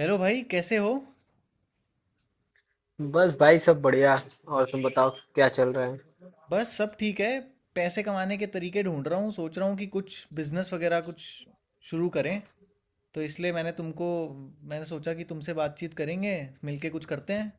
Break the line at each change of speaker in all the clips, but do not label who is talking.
Hello भाई, कैसे हो?
बस भाई सब बढ़िया। और तुम बताओ, क्या चल रहा है?
बस सब ठीक है। पैसे कमाने के तरीके ढूंढ रहा हूँ। सोच रहा हूँ कि कुछ बिजनेस वगैरह कुछ शुरू करें, तो इसलिए मैंने सोचा कि तुमसे बातचीत करेंगे, मिलके कुछ करते हैं।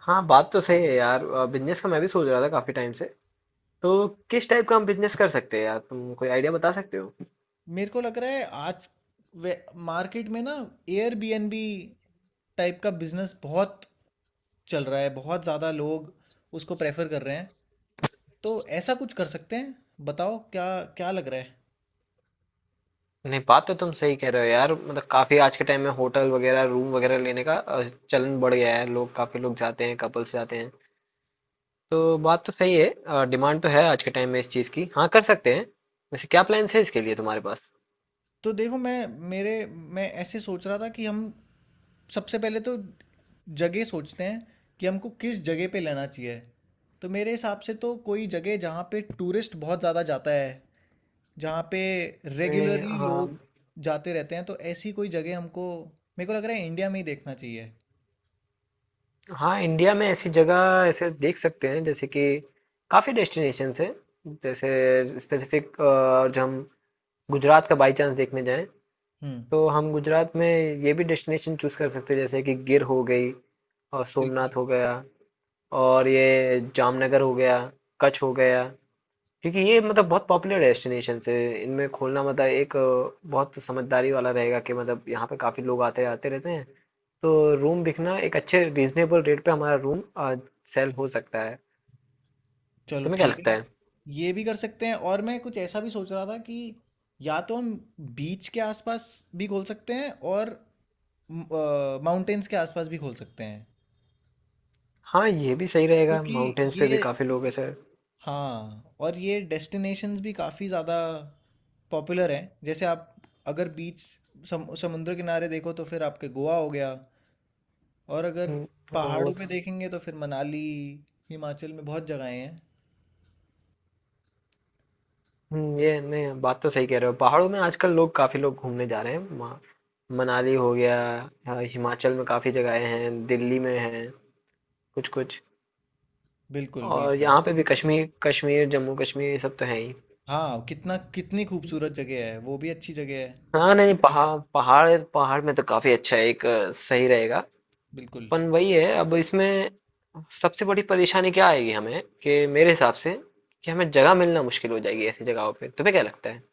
हाँ, बात तो सही है यार। बिजनेस का मैं भी सोच रहा था काफी टाइम से। तो किस टाइप का हम बिजनेस कर सकते हैं यार, तुम कोई आइडिया बता सकते हो?
मेरे को लग रहा है आज वे- मार्केट में ना, एयरबीएनबी टाइप का बिजनेस बहुत चल रहा है। बहुत ज़्यादा लोग उसको प्रेफर कर रहे हैं, तो ऐसा कुछ कर सकते हैं। बताओ, क्या क्या लग रहा है?
नहीं, बात तो तुम सही कह रहे हो यार। मतलब काफी आज के टाइम में होटल वगैरह रूम वगैरह लेने का चलन बढ़ गया है। लोग, काफी लोग जाते हैं, कपल्स जाते हैं। तो बात तो सही है, डिमांड तो है आज के टाइम में इस चीज की। हाँ, कर सकते हैं। वैसे क्या प्लान्स है इसके लिए तुम्हारे पास?
तो देखो, मैं ऐसे सोच रहा था कि हम सबसे पहले तो जगह सोचते हैं कि हमको किस जगह पे लेना चाहिए। तो मेरे हिसाब से तो कोई जगह जहाँ पे टूरिस्ट बहुत ज़्यादा जाता है, जहाँ पे रेगुलरली
हाँ।
लोग जाते रहते हैं, तो ऐसी कोई जगह हमको, मेरे को लग रहा है, इंडिया में ही देखना चाहिए।
हाँ, इंडिया में ऐसी जगह ऐसे देख सकते हैं, जैसे कि काफ़ी डेस्टिनेशंस हैं। जैसे स्पेसिफिक जो हम गुजरात का बाई चांस देखने जाएं,
हम्म।
तो हम गुजरात में ये भी डेस्टिनेशन चूज कर सकते हैं। जैसे कि गिर हो गई, और सोमनाथ
बिल्कुल।
हो गया, और ये जामनगर हो गया, कच्छ हो गया। क्योंकि ये मतलब बहुत पॉपुलर डेस्टिनेशन है, इनमें खोलना मतलब एक बहुत समझदारी वाला रहेगा, कि मतलब यहाँ पे काफी लोग आते आते रहते हैं। तो रूम बिकना, एक अच्छे रीजनेबल रेट पे हमारा रूम सेल हो सकता है।
चलो
तुम्हें क्या
ठीक है।
लगता है?
ये भी कर सकते हैं, और मैं कुछ ऐसा भी सोच रहा था कि या तो हम बीच के आसपास भी खोल सकते हैं और माउंटेन्स के आसपास भी खोल सकते हैं,
हाँ, ये भी सही रहेगा,
क्योंकि
माउंटेन्स पे
ये,
भी काफी लोग ऐसे।
हाँ, और ये डेस्टिनेशंस भी काफ़ी ज़्यादा पॉपुलर हैं। जैसे आप अगर बीच, समुद्र किनारे देखो, तो फिर आपके गोवा हो गया। और अगर
हम्म, हाँ।
पहाड़ों पे देखेंगे तो फिर मनाली, हिमाचल में बहुत जगहें हैं।
ये नहीं, बात तो सही कह रहे हो। पहाड़ों में आजकल लोग, काफी लोग घूमने जा रहे हैं वहाँ। मनाली हो गया, हिमाचल में काफी जगहें हैं, दिल्ली में हैं कुछ कुछ।
बिल्कुल,
और
बिल्कुल।
यहाँ पे भी कश्मीर, कश्मीर जम्मू कश्मीर, ये सब तो है ही।
हाँ, कितना कितनी खूबसूरत जगह है, वो भी अच्छी जगह है।
हाँ नहीं, पहाड़ पहाड़ पहाड़ में तो काफी अच्छा है, एक सही रहेगा।
बिल्कुल।
पन वही है, अब इसमें सबसे बड़ी परेशानी क्या आएगी हमें, कि मेरे हिसाब से, कि हमें जगह मिलना मुश्किल हो जाएगी ऐसी जगहों पे। तुम्हें क्या लगता है?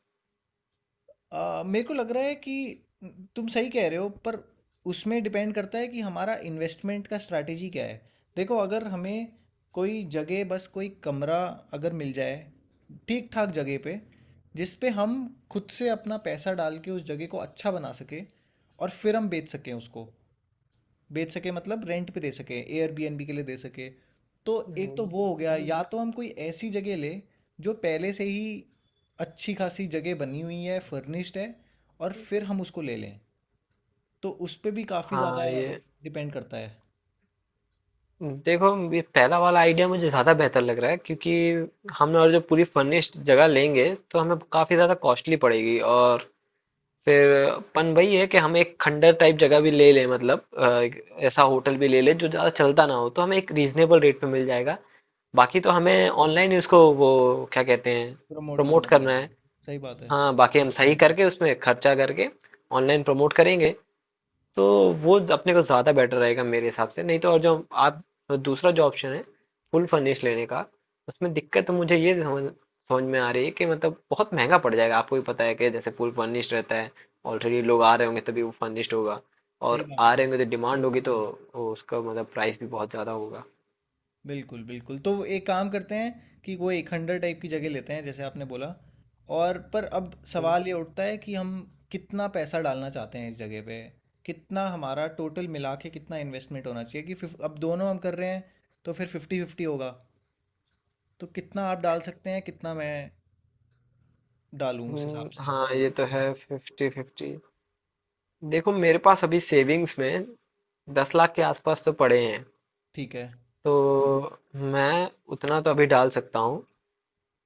मेरे को लग रहा है कि तुम सही कह रहे हो, पर उसमें डिपेंड करता है कि हमारा इन्वेस्टमेंट का स्ट्रैटेजी क्या है। देखो, अगर हमें कोई जगह, बस कोई कमरा अगर मिल जाए ठीक ठाक जगह पे, जिस पे हम खुद से अपना पैसा डाल के उस जगह को अच्छा बना सके, और फिर हम बेच सकें उसको, बेच सके मतलब रेंट पे दे सके, एयरबीएनबी के लिए दे सके, तो एक तो
हम्म,
वो हो गया। या तो हम कोई ऐसी जगह ले जो पहले से ही अच्छी खासी जगह बनी हुई है, फर्निश्ड है, और फिर हम उसको ले लें, तो उस पे भी काफ़ी ज़्यादा
हाँ। ये
डिपेंड करता है।
देखो, ये पहला वाला आइडिया मुझे ज़्यादा बेहतर लग रहा है, क्योंकि हम और जो पूरी फर्निश्ड जगह लेंगे तो हमें काफ़ी ज़्यादा कॉस्टली पड़ेगी। और फिर अपन वही है कि हम एक खंडर टाइप जगह भी ले लें, मतलब एक ऐसा
हाँ।
होटल भी ले लें जो ज़्यादा चलता ना हो, तो हमें एक रीजनेबल रेट पे मिल जाएगा। बाकी तो हमें ऑनलाइन ही उसको, वो क्या कहते हैं,
प्रमोट
प्रमोट
करना
करना
पड़ेगा।
है।
सही बात है।
हाँ, बाकी हम सही करके, उसमें खर्चा करके, ऑनलाइन प्रमोट करेंगे, तो वो अपने को ज़्यादा बेटर रहेगा मेरे हिसाब से। नहीं तो और जो आप, दूसरा जो ऑप्शन है, फुल फर्निश लेने का, उसमें दिक्कत तो मुझे ये समझ समझ में आ रही है कि मतलब बहुत महंगा पड़ जाएगा। आपको भी पता है कि जैसे फुल फर्निश्ड रहता है, ऑलरेडी लोग आ रहे होंगे तभी वो फर्निश्ड होगा,
सही
और
बात
आ
है।
रहे होंगे तो डिमांड होगी, तो वो उसका मतलब प्राइस भी बहुत ज़्यादा होगा।
बिल्कुल, बिल्कुल। तो एक काम करते हैं कि वो एक खंडहर टाइप की जगह लेते हैं जैसे आपने बोला। और पर अब सवाल ये उठता है कि हम कितना पैसा डालना चाहते हैं इस जगह पे? कितना हमारा टोटल मिला के कितना इन्वेस्टमेंट होना चाहिए? कि फ़िफ़ अब दोनों हम कर रहे हैं तो फिर 50-50 होगा। तो कितना आप डाल सकते हैं, कितना मैं डालूँ उस हिसाब से?
हाँ, ये तो है, 50-50। देखो, मेरे पास अभी सेविंग्स में 10 लाख के आसपास तो पड़े हैं।
ठीक है।
तो मैं उतना तो अभी डाल सकता हूँ,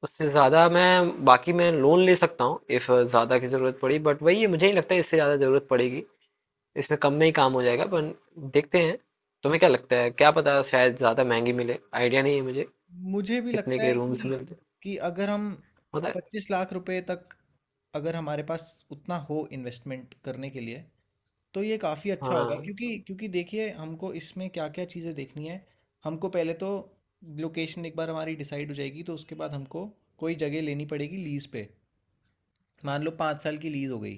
उससे ज़्यादा मैं बाकी मैं लोन ले सकता हूँ इफ़ ज़्यादा की ज़रूरत पड़ी। बट वही है, मुझे नहीं लगता है इससे ज़्यादा ज़रूरत पड़ेगी, इसमें कम में ही काम हो जाएगा। पर देखते हैं, तुम्हें क्या लगता है? क्या पता शायद ज़्यादा महंगी मिले, आइडिया नहीं है मुझे
मुझे भी
कितने
लगता
के
है
रूम्स
कि
मिलते
अगर हम
होता है।
25 लाख रुपए तक, अगर हमारे पास उतना हो इन्वेस्टमेंट करने के लिए, तो ये काफ़ी अच्छा होगा,
हाँ,
क्योंकि क्योंकि देखिए, हमको इसमें क्या क्या चीज़ें देखनी है। हमको पहले तो लोकेशन एक बार हमारी डिसाइड हो जाएगी, तो उसके बाद हमको कोई जगह लेनी पड़ेगी लीज़ पे। मान लो 5 साल की लीज़ हो गई,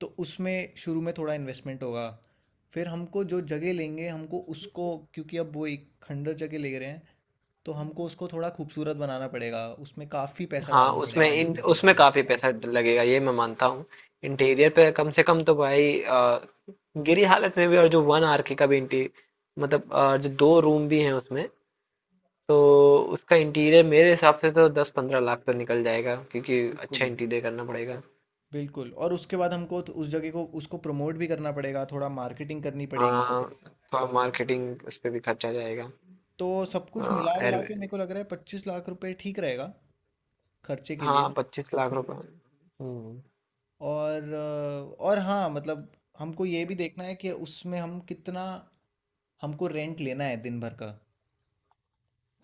तो उसमें शुरू में थोड़ा इन्वेस्टमेंट होगा। फिर हमको जो जगह लेंगे, हमको उसको, क्योंकि अब वो एक खंडर जगह ले रहे हैं, तो हमको उसको थोड़ा खूबसूरत बनाना पड़ेगा, उसमें काफ़ी पैसा
हाँ।
डालना
उसमें
पड़ेगा
इन
इंटीरियर
उसमें
पे।
काफ़ी पैसा लगेगा, ये मैं मानता हूँ। इंटीरियर पे कम से कम तो भाई गिरी हालत में भी, और जो वन आर के का भी इंटीरियर, मतलब जो दो रूम भी हैं उसमें, तो उसका इंटीरियर मेरे हिसाब से तो 10-15 लाख तो निकल जाएगा, क्योंकि अच्छा
बिल्कुल,
इंटीरियर करना पड़ेगा।
बिल्कुल। और उसके बाद हमको तो उस जगह को, उसको प्रमोट भी करना पड़ेगा, थोड़ा मार्केटिंग करनी पड़ेगी।
हाँ, थोड़ा मार्केटिंग उस पे भी खर्चा जाएगा।
तो सब कुछ मिला
एयर
विला के मेरे को लग रहा है 25 लाख रुपए ठीक रहेगा खर्चे के
हाँ,
लिए।
25 लाख रुपए। हम्म।
और और हाँ मतलब, हमको ये भी देखना है कि उसमें हम कितना, हमको रेंट लेना है दिन भर का।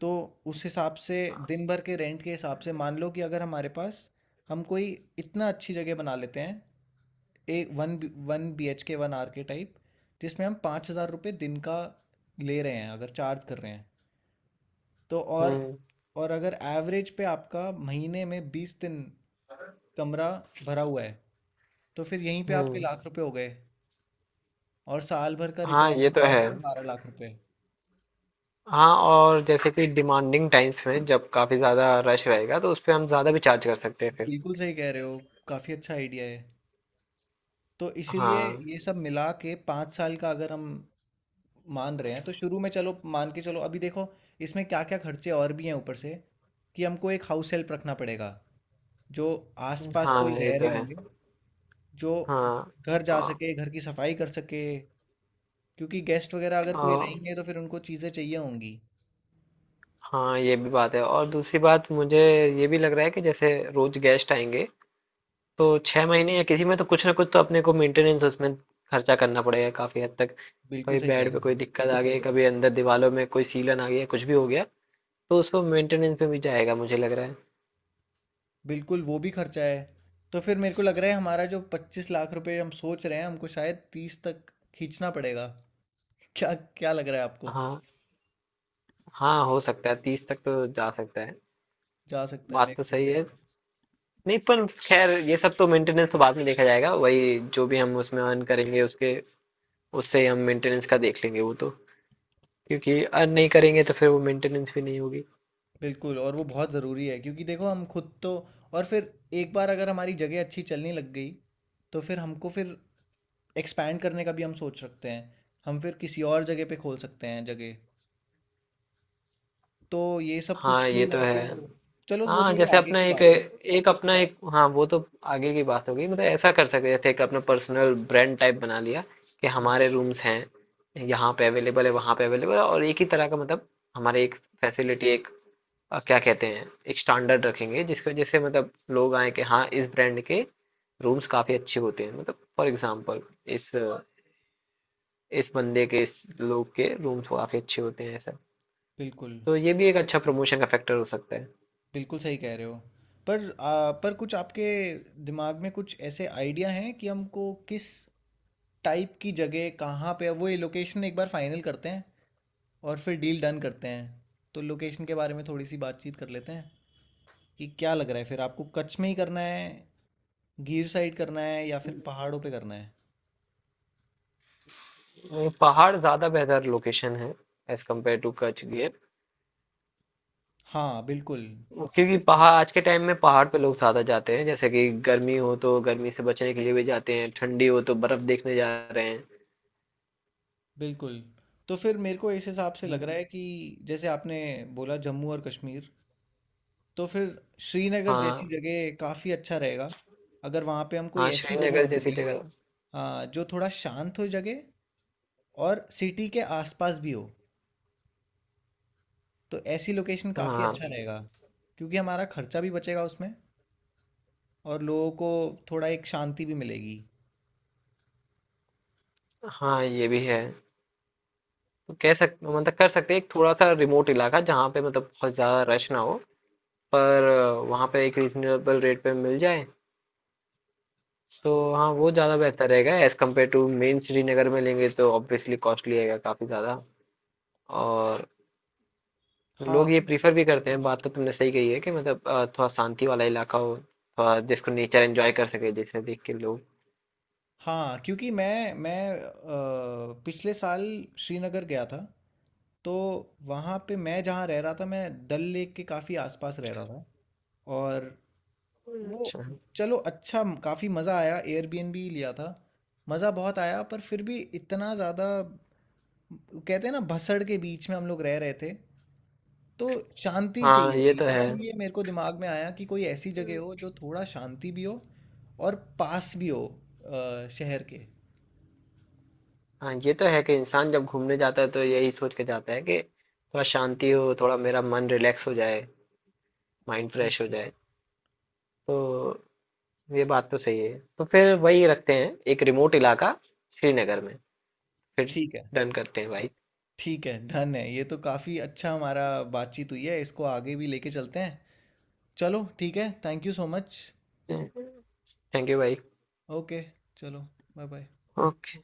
तो उस हिसाब से, दिन भर के रेंट के हिसाब से, मान लो कि अगर हमारे पास, हम कोई इतना अच्छी जगह बना लेते हैं, एक one one B H K, one R K type, जिसमें हम 5,000 रुपये दिन का ले रहे हैं, अगर चार्ज कर रहे हैं, तो
हम्म।
और अगर एवरेज पे आपका महीने में 20 दिन कमरा भरा हुआ है, तो फिर यहीं पे आपके
हम्म।
लाख रुपए हो गए। और साल भर का
हाँ,
रिटर्न
ये तो
आपका
है।
होगा 12 लाख रुपए।
हाँ, और जैसे कि डिमांडिंग टाइम्स में जब काफी ज्यादा रश रहेगा, तो उस पे हम ज्यादा भी चार्ज कर सकते हैं फिर।
बिल्कुल सही कह रहे हो। काफ़ी अच्छा आइडिया है। तो इसीलिए
हाँ।
ये सब मिला के 5 साल का अगर हम मान रहे हैं, तो शुरू में, चलो मान के चलो, अभी देखो इसमें क्या क्या खर्चे और भी हैं ऊपर से, कि हमको एक हाउस हेल्प रखना पड़ेगा जो आसपास
हाँ,
कोई
ये
रह
तो
रहे
है।
होंगे, जो
हाँ।
घर जा
औ-
सके, घर की सफाई कर सके, क्योंकि गेस्ट वगैरह अगर कोई
औ-
रहेंगे तो फिर उनको चीज़ें चाहिए होंगी।
हाँ, ये भी बात है, और दूसरी बात मुझे ये भी लग रहा है कि जैसे रोज गेस्ट आएंगे, तो 6 महीने या किसी में तो कुछ ना कुछ तो अपने को मेंटेनेंस, उसमें खर्चा करना पड़ेगा काफी हद तक।
बिल्कुल
कभी
सही कह
बेड
रहे
पे
हो।
कोई दिक्कत आ गई, कभी अंदर दीवारों में कोई सीलन आ गया, कुछ भी हो गया, तो उसको मेंटेनेंस में भी जाएगा मुझे लग रहा है।
बिल्कुल, वो भी खर्चा है। तो फिर मेरे को लग रहा है हमारा जो 25 लाख रुपए हम सोच रहे हैं, हमको शायद 30 तक खींचना पड़ेगा। क्या क्या लग रहा है आपको?
हाँ। हाँ, हो सकता है, 30 तक तो जा सकता है।
जा सकता है
बात
मेरे
तो
को।
सही है। नहीं पर खैर, ये सब तो मेंटेनेंस तो बाद में देखा जाएगा, वही जो भी हम उसमें अर्न करेंगे उसके, उससे ही हम मेंटेनेंस का देख लेंगे वो तो। क्योंकि अर्न नहीं करेंगे तो फिर वो मेंटेनेंस भी नहीं होगी।
बिल्कुल, और वो बहुत ज़रूरी है, क्योंकि देखो हम खुद तो, और फिर एक बार अगर हमारी जगह अच्छी चलने लग गई, तो फिर हमको, फिर एक्सपैंड करने का भी हम सोच सकते हैं। हम फिर किसी और जगह पे खोल सकते हैं जगह। तो ये सब कुछ
हाँ, ये
भी
तो है।
हमको, चलो वो
हाँ,
थोड़ी
जैसे
आगे
अपना
की
एक
बात है।
एक अपना एक हाँ, वो तो आगे की बात होगी। मतलब ऐसा कर सकते हैं, जैसे एक अपना पर्सनल ब्रांड टाइप बना लिया, कि
बिल्कुल।
हमारे रूम्स हैं, यहाँ पे अवेलेबल है, वहाँ पे अवेलेबल है, और एक ही तरह का, मतलब हमारे एक फैसिलिटी, एक क्या कहते हैं, एक स्टैंडर्ड रखेंगे, जिसकी वजह से मतलब लोग आए कि हाँ, इस ब्रांड के रूम्स काफी अच्छे होते हैं, मतलब फॉर एग्जाम्पल इस इस बंदे के, इस लोग के रूम्स काफी अच्छे होते हैं, ऐसा।
बिल्कुल।
तो ये भी एक अच्छा प्रमोशन का फैक्टर हो सकता
बिल्कुल सही कह रहे हो। पर पर कुछ आपके दिमाग में कुछ ऐसे आइडिया हैं कि हमको किस टाइप की जगह, कहाँ पे, वो ये लोकेशन एक बार फाइनल करते हैं और फिर डील डन करते हैं। तो लोकेशन के बारे में थोड़ी सी बातचीत कर लेते हैं कि क्या लग रहा है फिर आपको? कच्छ में ही करना है, गिर साइड करना है, या
है।
फिर पहाड़ों पे करना है?
नहीं, पहाड़ ज़्यादा बेहतर लोकेशन है as compare to Kutch Gir,
हाँ, बिल्कुल।
क्योंकि पहाड़, आज के टाइम में पहाड़ पे लोग ज़्यादा जाते हैं, जैसे कि गर्मी हो तो गर्मी से बचने के लिए भी जाते हैं, ठंडी हो तो बर्फ़ देखने जा रहे हैं।
बिल्कुल। तो फिर मेरे को इस हिसाब से लग
हम्म।
रहा है कि जैसे आपने बोला जम्मू और कश्मीर, तो फिर श्रीनगर जैसी
हाँ।
जगह काफ़ी अच्छा रहेगा। अगर वहाँ पे हम कोई
हाँ,
ऐसी जगह
श्रीनगर
ढूँढ
जैसी
लें,
जगह।
हाँ, जो थोड़ा शांत हो जगह, और सिटी के आसपास भी हो, तो ऐसी लोकेशन काफ़ी
हाँ।
अच्छा रहेगा। क्योंकि हमारा खर्चा भी बचेगा उसमें, और लोगों को थोड़ा एक शांति भी मिलेगी।
हाँ, ये भी है। तो कह सक मतलब कर सकते हैं एक थोड़ा सा रिमोट इलाका, जहाँ पे मतलब बहुत ज़्यादा रश ना हो, पर वहाँ पे एक रीजनेबल रेट पे मिल जाए, तो हाँ, वो ज़्यादा बेहतर रहेगा। As compare to main Srinagar में लेंगे तो ऑब्वियसली कॉस्टली रहेगा काफ़ी ज़्यादा। और
हाँ।
लोग ये प्रीफर भी करते हैं, बात तो तुमने सही कही है, कि मतलब थोड़ा शांति वाला इलाका हो, थोड़ा जिसको नेचर एंजॉय कर सके जैसे देख के लोग।
हाँ, क्योंकि मैं पिछले साल श्रीनगर गया था। तो वहाँ पे मैं जहाँ रह रहा था, मैं डल लेक के काफ़ी आसपास रह रहा था। और वो,
अच्छा।
चलो अच्छा, काफ़ी मज़ा आया, एयरबीएनबी लिया था। मज़ा बहुत आया, पर फिर भी इतना ज़्यादा, कहते हैं ना, भसड़ के बीच में हम लोग रह रहे थे। तो शांति
हाँ,
चाहिए
ये
थी,
तो है।
इसीलिए मेरे को दिमाग में आया कि कोई ऐसी जगह हो जो थोड़ा शांति भी हो और पास भी हो शहर के।
हाँ, ये तो है, कि इंसान जब घूमने जाता है तो यही सोच के जाता है कि थोड़ा शांति हो, थोड़ा मेरा मन रिलैक्स हो जाए, माइंड फ्रेश हो जाए। तो ये बात तो सही है, तो फिर वही रखते हैं, एक रिमोट इलाका, श्रीनगर में। फिर
ठीक है,
डन करते हैं भाई।
ठीक है, डन है। ये तो काफ़ी अच्छा हमारा बातचीत हुई है, इसको आगे भी लेके चलते हैं। चलो ठीक है, thank you so much.
Thank you भाई।
ओके, चलो बाय-बाय।
ओके।